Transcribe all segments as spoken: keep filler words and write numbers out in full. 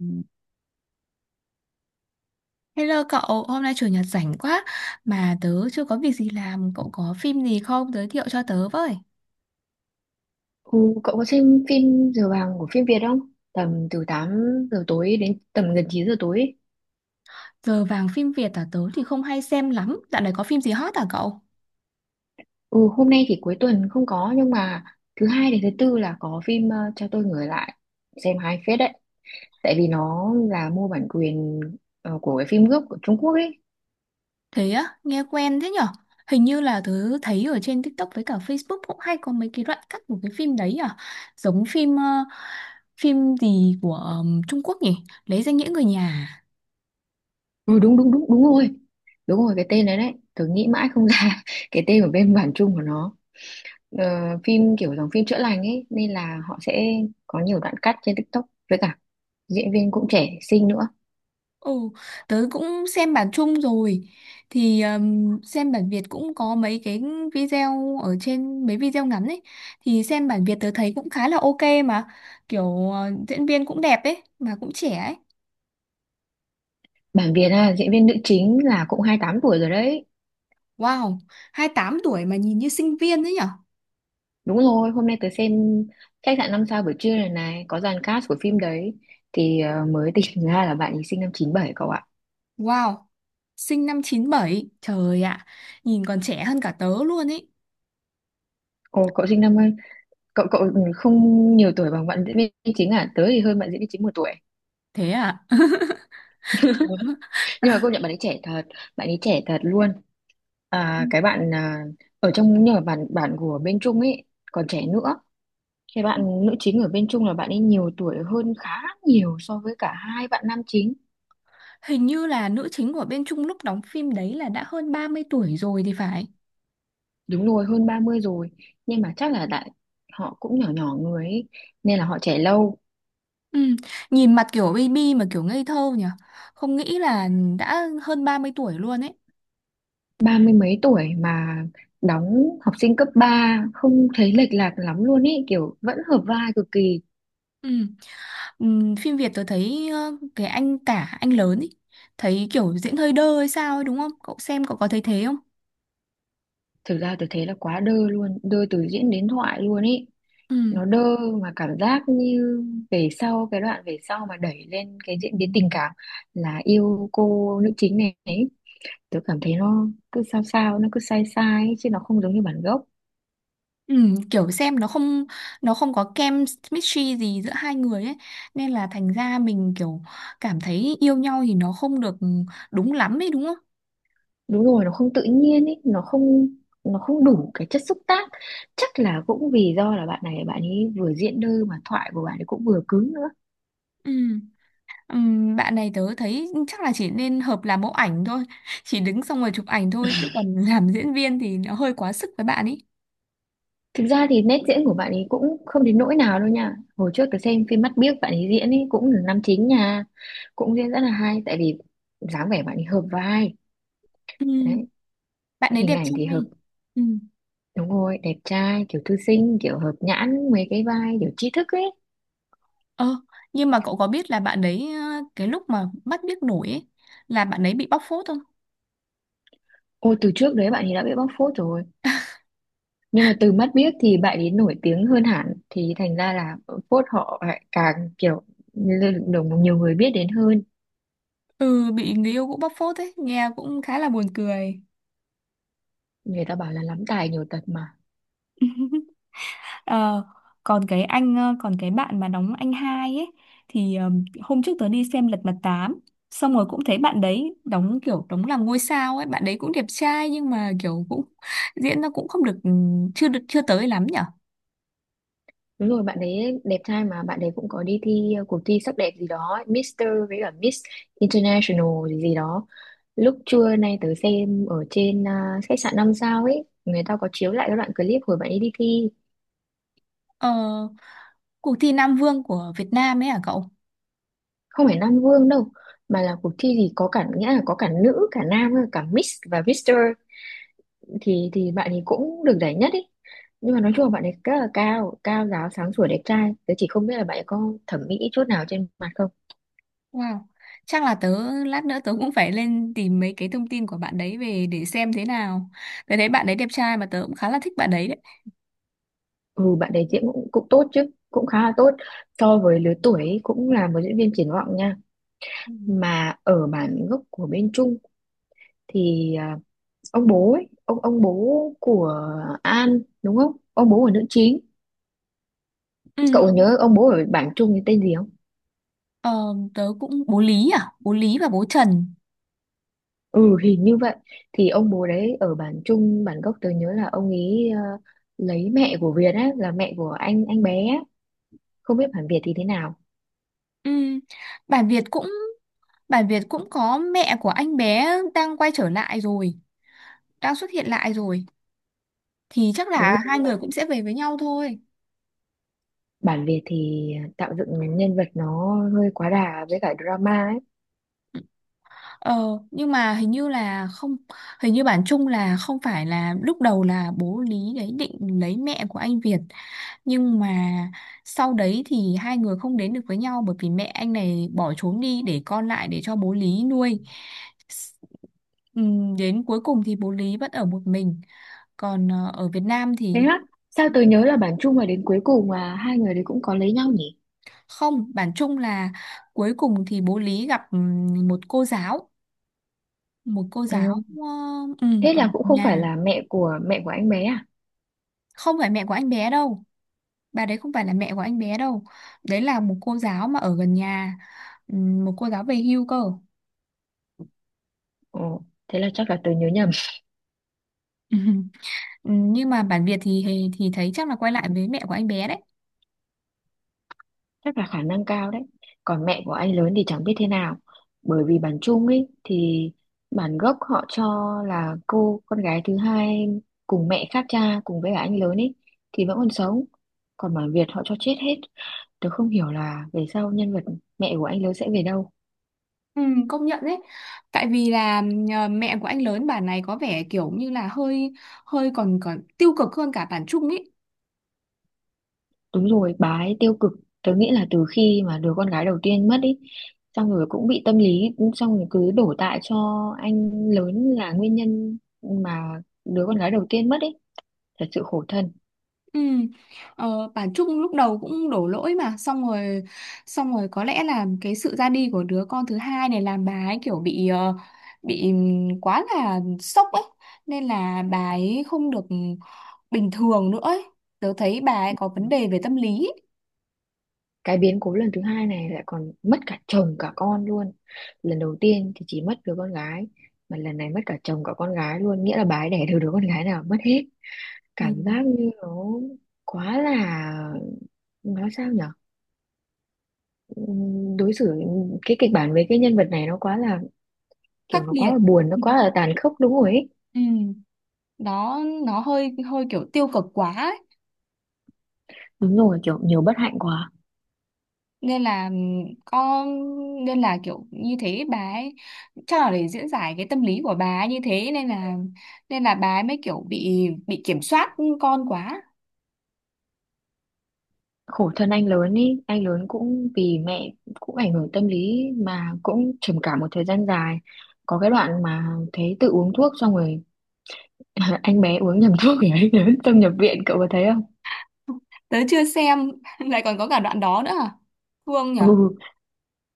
Ừ. Hello cậu, hôm nay chủ nhật rảnh quá mà tớ chưa có việc gì làm, cậu có phim gì không giới thiệu cho tớ với. Ừ, cậu có xem phim Giờ vàng của phim Việt không? Tầm từ tám giờ tối đến tầm gần chín giờ tối ấy. Giờ vàng phim Việt à, tớ thì không hay xem lắm, dạo này có phim gì hot à cậu? Ừ, hôm nay thì cuối tuần không có nhưng mà thứ hai đến thứ tư là có phim ờ, Cho tôi người lại. Xem hai phết đấy. Tại vì nó là mua bản quyền ờ, của cái phim gốc của Trung Quốc ấy. Thế á, nghe quen thế nhở? Hình như là tớ thấy ở trên TikTok với cả Facebook cũng hay có mấy cái đoạn cắt của cái phim đấy, à, giống phim, ờ, phim gì của ờm, Trung Quốc nhỉ? Lấy danh nghĩa người nhà, à? Ừ, đúng đúng đúng đúng rồi. Đúng rồi, cái tên đấy đấy. Tớ nghĩ mãi không ra cái tên của bên bản Trung của nó. Ờ, phim kiểu dòng phim chữa lành ấy nên là họ sẽ có nhiều đoạn cắt trên TikTok với cả diễn viên cũng trẻ xinh nữa. Ồ, tớ cũng xem bản chung rồi thì ừm, xem bản Việt cũng có mấy cái video ở trên, mấy video ngắn ấy, thì xem bản Việt tớ thấy cũng khá là ok mà kiểu ờ, diễn viên cũng đẹp ấy mà cũng trẻ ấy. Bản Việt à, diễn viên nữ chính là cũng hai tám tuổi rồi đấy. Wow, hai mươi tám tuổi mà nhìn như sinh viên ấy nhở. Đúng rồi, hôm nay tớ xem khách sạn năm sao buổi trưa này này, có dàn cast của phim đấy. Thì ờ, mới tỉnh ra là bạn ấy sinh năm chín bảy cậu ạ. Wow, sinh năm chín bảy, trời ạ, nhìn còn trẻ hơn cả tớ luôn ấy. Ồ, cậu sinh năm, cậu cậu không nhiều tuổi bằng bạn diễn viên chính à? Tớ thì hơn bạn diễn viên chính một tuổi. Thế à. Tớ-. Nhưng mà công nhận bạn ấy trẻ thật, bạn ấy trẻ thật luôn. À, cái bạn à, ở trong, nhưng mà bạn, bạn của bên Trung ấy, còn trẻ nữa. Cái bạn nữ chính ở bên Trung là bạn ấy nhiều tuổi hơn khá nhiều so với cả hai bạn nam chính. Hình như là nữ chính của bên Trung lúc đóng phim đấy là đã hơn ba mươi tuổi rồi thì phải. Đúng rồi, hơn ba mươi rồi. Nhưng mà chắc là đại họ cũng nhỏ nhỏ người ấy, nên là họ trẻ lâu. Ừ, nhìn mặt kiểu baby mà kiểu ngây thơ nhỉ, không nghĩ là đã hơn ba mươi tuổi luôn ấy. Ba mươi mấy tuổi mà đóng học sinh cấp ba không thấy lệch lạc lắm luôn ý, kiểu vẫn hợp vai cực kỳ. Ừ. Ừ, phim Việt tôi thấy ờ, cái anh cả anh lớn ấy thấy kiểu diễn hơi đơ hay sao ấy, đúng không? Cậu xem cậu có thấy thế không? Thực ra tôi thấy là quá đơ luôn, đơ từ diễn đến thoại luôn ý. Ừ. Nó đơ mà cảm giác như về sau, cái đoạn về sau mà đẩy lên cái diễn biến tình cảm là yêu cô nữ chính này ấy. Tôi cảm thấy nó cứ sao sao, nó cứ sai sai ấy, chứ nó không giống như bản gốc. Ừ, kiểu xem nó không, nó không có kem chemistry gì giữa hai người ấy, nên là thành ra mình kiểu cảm thấy yêu nhau thì nó không được đúng lắm ấy, đúng không? Đúng rồi, nó không tự nhiên ấy, nó không nó không đủ cái chất xúc tác, chắc là cũng vì do là bạn này bạn ấy vừa diễn đơ mà thoại của bạn ấy cũng vừa cứng nữa. Ừ. Ừm, bạn này tớ thấy chắc là chỉ nên hợp làm mẫu ảnh thôi, chỉ đứng xong rồi chụp ảnh thôi chứ còn làm diễn viên thì nó hơi quá sức với bạn ấy. Thực ra thì nét diễn của bạn ấy cũng không đến nỗi nào đâu nha, hồi trước tôi xem phim Mắt Biếc bạn ấy diễn ấy cũng là nam chính nha, cũng diễn rất là hay, tại vì dáng vẻ bạn ấy hợp vai Ừm, đấy, Bạn đấy hình đẹp ảnh thì hợp. trai. Ừm, Đúng rồi, đẹp trai kiểu thư sinh, kiểu hợp nhãn mấy cái vai kiểu tri thức ấy. ờ nhưng mà cậu có biết là bạn đấy, ờ, cái lúc mà bắt biết nổi ấy là bạn ấy bị bóc phốt không? Ôi, từ trước đấy bạn ấy đã bị bóc phốt rồi. Nhưng mà từ Mắt biết thì bạn ấy nổi tiếng hơn hẳn thì thành ra là phốt họ lại càng kiểu lên được nhiều người biết đến hơn. Ừ, bị người yêu cũng bóc phốt ấy, nghe cũng khá là buồn cười. Người ta bảo là lắm tài nhiều tật mà. Ờ, còn cái anh ờ, còn cái bạn mà đóng anh hai ấy thì, ờ, hôm trước tớ đi xem Lật Mặt tám xong rồi cũng thấy bạn đấy đóng kiểu đóng làm ngôi sao ấy, bạn đấy cũng đẹp trai nhưng mà kiểu cũng diễn nó cũng không được, ừ, chưa được chưa tới lắm nhở. Đúng rồi, bạn ấy đẹp trai mà bạn ấy cũng có đi thi uh, cuộc thi sắc đẹp gì đó, Mister với cả Miss International gì gì đó. Lúc trưa nay tớ xem ở trên uh, khách sạn năm sao ấy, người ta có chiếu lại cái đoạn clip hồi bạn ấy đi thi, ờ, Cuộc thi Nam Vương của Việt Nam ấy à cậu? không phải Nam Vương đâu, mà là cuộc thi gì có cả, nghĩa là có cả nữ, cả nam, cả Miss và Mister, thì thì bạn ấy cũng được giải nhất ý, nhưng mà nói chung là bạn ấy rất là cao cao ráo sáng sủa đẹp trai, tớ chỉ không biết là bạn ấy có thẩm mỹ chút nào trên mặt không. Wow, chắc là tớ lát nữa tớ cũng phải lên tìm mấy cái thông tin của bạn đấy về để xem thế nào, tớ thấy bạn đấy đẹp trai mà tớ cũng khá là thích bạn đấy đấy. Ừ, bạn ấy diễn cũng, cũng tốt chứ, cũng khá là tốt so với lứa tuổi ấy, cũng là một diễn viên triển vọng nha. Ừ. Mà ở bản gốc của bên Trung thì à, ông bố ấy ông ông bố của An, đúng không, ông bố của nữ chính, Ừ. cậu nhớ ông bố ở bản Trung thì tên gì không? Ờ, tớ cũng bố Lý à, bố Lý và bố Trần. Ừ, hình như vậy, thì ông bố đấy ở bản Trung bản gốc tớ nhớ là ông ấy ờ, lấy mẹ của Việt á, là mẹ của anh anh bé á. Không biết bản Việt thì thế nào. Ừm, Bản Việt cũng Bản Việt cũng có mẹ của anh bé đang quay trở lại rồi, đang xuất hiện lại rồi, thì chắc Đúng là rồi, hai nhưng mà người cũng sẽ về với nhau thôi. bản Việt thì tạo dựng nhân vật nó hơi quá đà với cả drama ấy. Ờ, nhưng mà hình như là không, hình như bản chung là không phải, là lúc đầu là bố Lý đấy định lấy mẹ của anh Việt, nhưng mà sau đấy thì hai người không đến được với nhau bởi vì mẹ anh này bỏ trốn đi để con lại để cho bố Lý nuôi. S- ừm, Đến cuối cùng thì bố Lý vẫn ở một mình, còn ờ, ở Việt Nam Thế thì á, sao tớ nhớ là bản Trung mà đến cuối cùng mà hai người đấy cũng có lấy nhau nhỉ. không, bản chung là cuối cùng thì bố Lý gặp ừm, một cô giáo, một cô giáo Ừ. ờ, ừ, Thế ở là cũng không phải nhà, là mẹ của mẹ của anh bé à? không phải mẹ của anh bé đâu, bà đấy không phải là mẹ của anh bé đâu, đấy là một cô giáo mà ở gần nhà. Ừ, một cô giáo về hưu cơ. Ồ, thế là chắc là tớ nhớ nhầm. Ừ. Ừ, nhưng mà bản Việt thì thì thấy chắc là quay lại với mẹ của anh bé đấy. Chắc là khả năng cao đấy. Còn mẹ của anh lớn thì chẳng biết thế nào, bởi vì bản chung ấy thì bản gốc họ cho là cô con gái thứ hai cùng mẹ khác cha cùng với cả anh lớn ấy thì vẫn còn sống, còn bản Việt họ cho chết hết. Tớ không hiểu là về sau nhân vật mẹ của anh lớn sẽ về đâu. Ừ, công nhận đấy, tại vì là ờ, mẹ của anh lớn bản này có vẻ kiểu như là hơi, hơi còn còn tiêu cực hơn cả bản Trung ý. Đúng rồi, bà ấy tiêu cực, tớ nghĩ là từ khi mà đứa con gái đầu tiên mất ấy, xong rồi cũng bị tâm lý, xong rồi cứ đổ tại cho anh lớn là nguyên nhân mà đứa con gái đầu tiên mất ý, thật sự khổ thân. Ừ. Ờ, bà Trúc lúc đầu cũng đổ lỗi mà, xong rồi xong rồi có lẽ là cái sự ra đi của đứa con thứ hai này làm bà ấy kiểu bị ờ, bị ừm, quá là sốc ấy, nên là bà ấy không được bình thường nữa ấy. Tớ thấy bà ấy có vấn đề về tâm lý ấy. Cái biến cố lần thứ hai này lại còn mất cả chồng cả con luôn, lần đầu tiên thì chỉ mất đứa con gái, mà lần này mất cả chồng cả con gái luôn, nghĩa là bà ấy đẻ được đứa con gái nào mất hết, Ừ. cảm giác như nó quá là, nói sao nhở, ừm, đối xử, cái kịch bản với cái nhân vật này nó quá là, kiểu Khắc nó quá nghiệt, là buồn, nó ừ. quá là tàn khốc, đúng rồi ấy. Ừ. Đó, nó hơi hơi kiểu tiêu cực quá ấy. Đúng rồi, kiểu nhiều bất hạnh quá. Nên là ừm, có, nên là kiểu như thế bà ấy chắc là để diễn giải cái tâm lý của bà ấy như thế, nên là nên là bà ấy mới kiểu bị bị kiểm soát con quá. Khổ thân anh lớn ý, anh lớn cũng vì mẹ cũng ảnh hưởng tâm lý mà cũng trầm cảm một thời gian dài, có cái đoạn mà thấy tự uống thuốc xong rồi anh bé uống nhầm thuốc thì anh lớn tâm nhập viện, cậu có thấy không? Tớ chưa xem, lại còn có cả đoạn đó nữa à? Thương Ừ, nhở.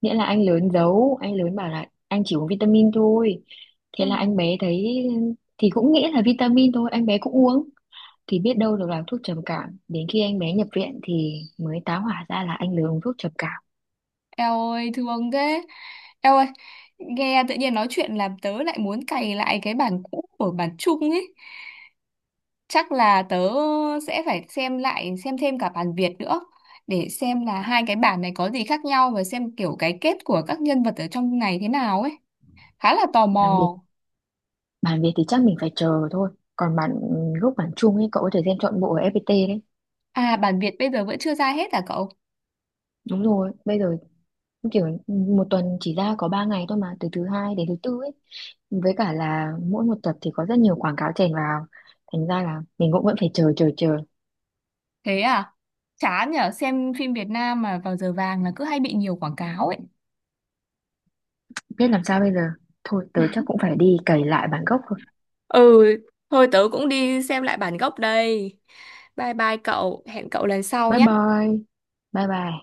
nghĩa là anh lớn giấu, anh lớn bảo là anh chỉ uống vitamin thôi, thế Ừ. là anh bé thấy thì cũng nghĩ là vitamin thôi, anh bé cũng uống, thì biết đâu được là thuốc trầm cảm, đến khi anh bé nhập viện thì mới tá hỏa ra là anh lớn uống thuốc trầm cảm. Eo ơi thương thế, eo ơi, nghe tự nhiên nói chuyện làm tớ lại muốn cày lại cái bản cũ của bản chung ấy, chắc là tớ sẽ phải xem lại, xem thêm cả bản Việt nữa để xem là hai cái bản này có gì khác nhau và xem kiểu cái kết của các nhân vật ở trong này thế nào ấy, khá là tò Làm việc. mò. Bản Việt thì chắc mình phải chờ thôi. Còn bản gốc bản Trung ấy cậu có thể xem trọn bộ ở ép pê tê đấy. À, bản Việt bây giờ vẫn chưa ra hết à cậu? Đúng rồi, bây giờ kiểu một tuần chỉ ra có ba ngày thôi mà, từ thứ hai đến thứ tư ấy. Với cả là mỗi một tập thì có rất nhiều quảng cáo chèn vào. Thành ra là mình cũng vẫn phải chờ chờ chờ. Thế à, chán nhở, xem phim Việt Nam mà vào giờ vàng là cứ hay bị nhiều quảng cáo ấy. Biết làm sao bây giờ. Thôi tớ chắc cũng phải đi cày lại bản gốc thôi. Ừ, thôi tớ cũng đi xem lại bản gốc đây. Bye bye cậu, hẹn cậu lần sau Bye nhé. bye. Bye bye.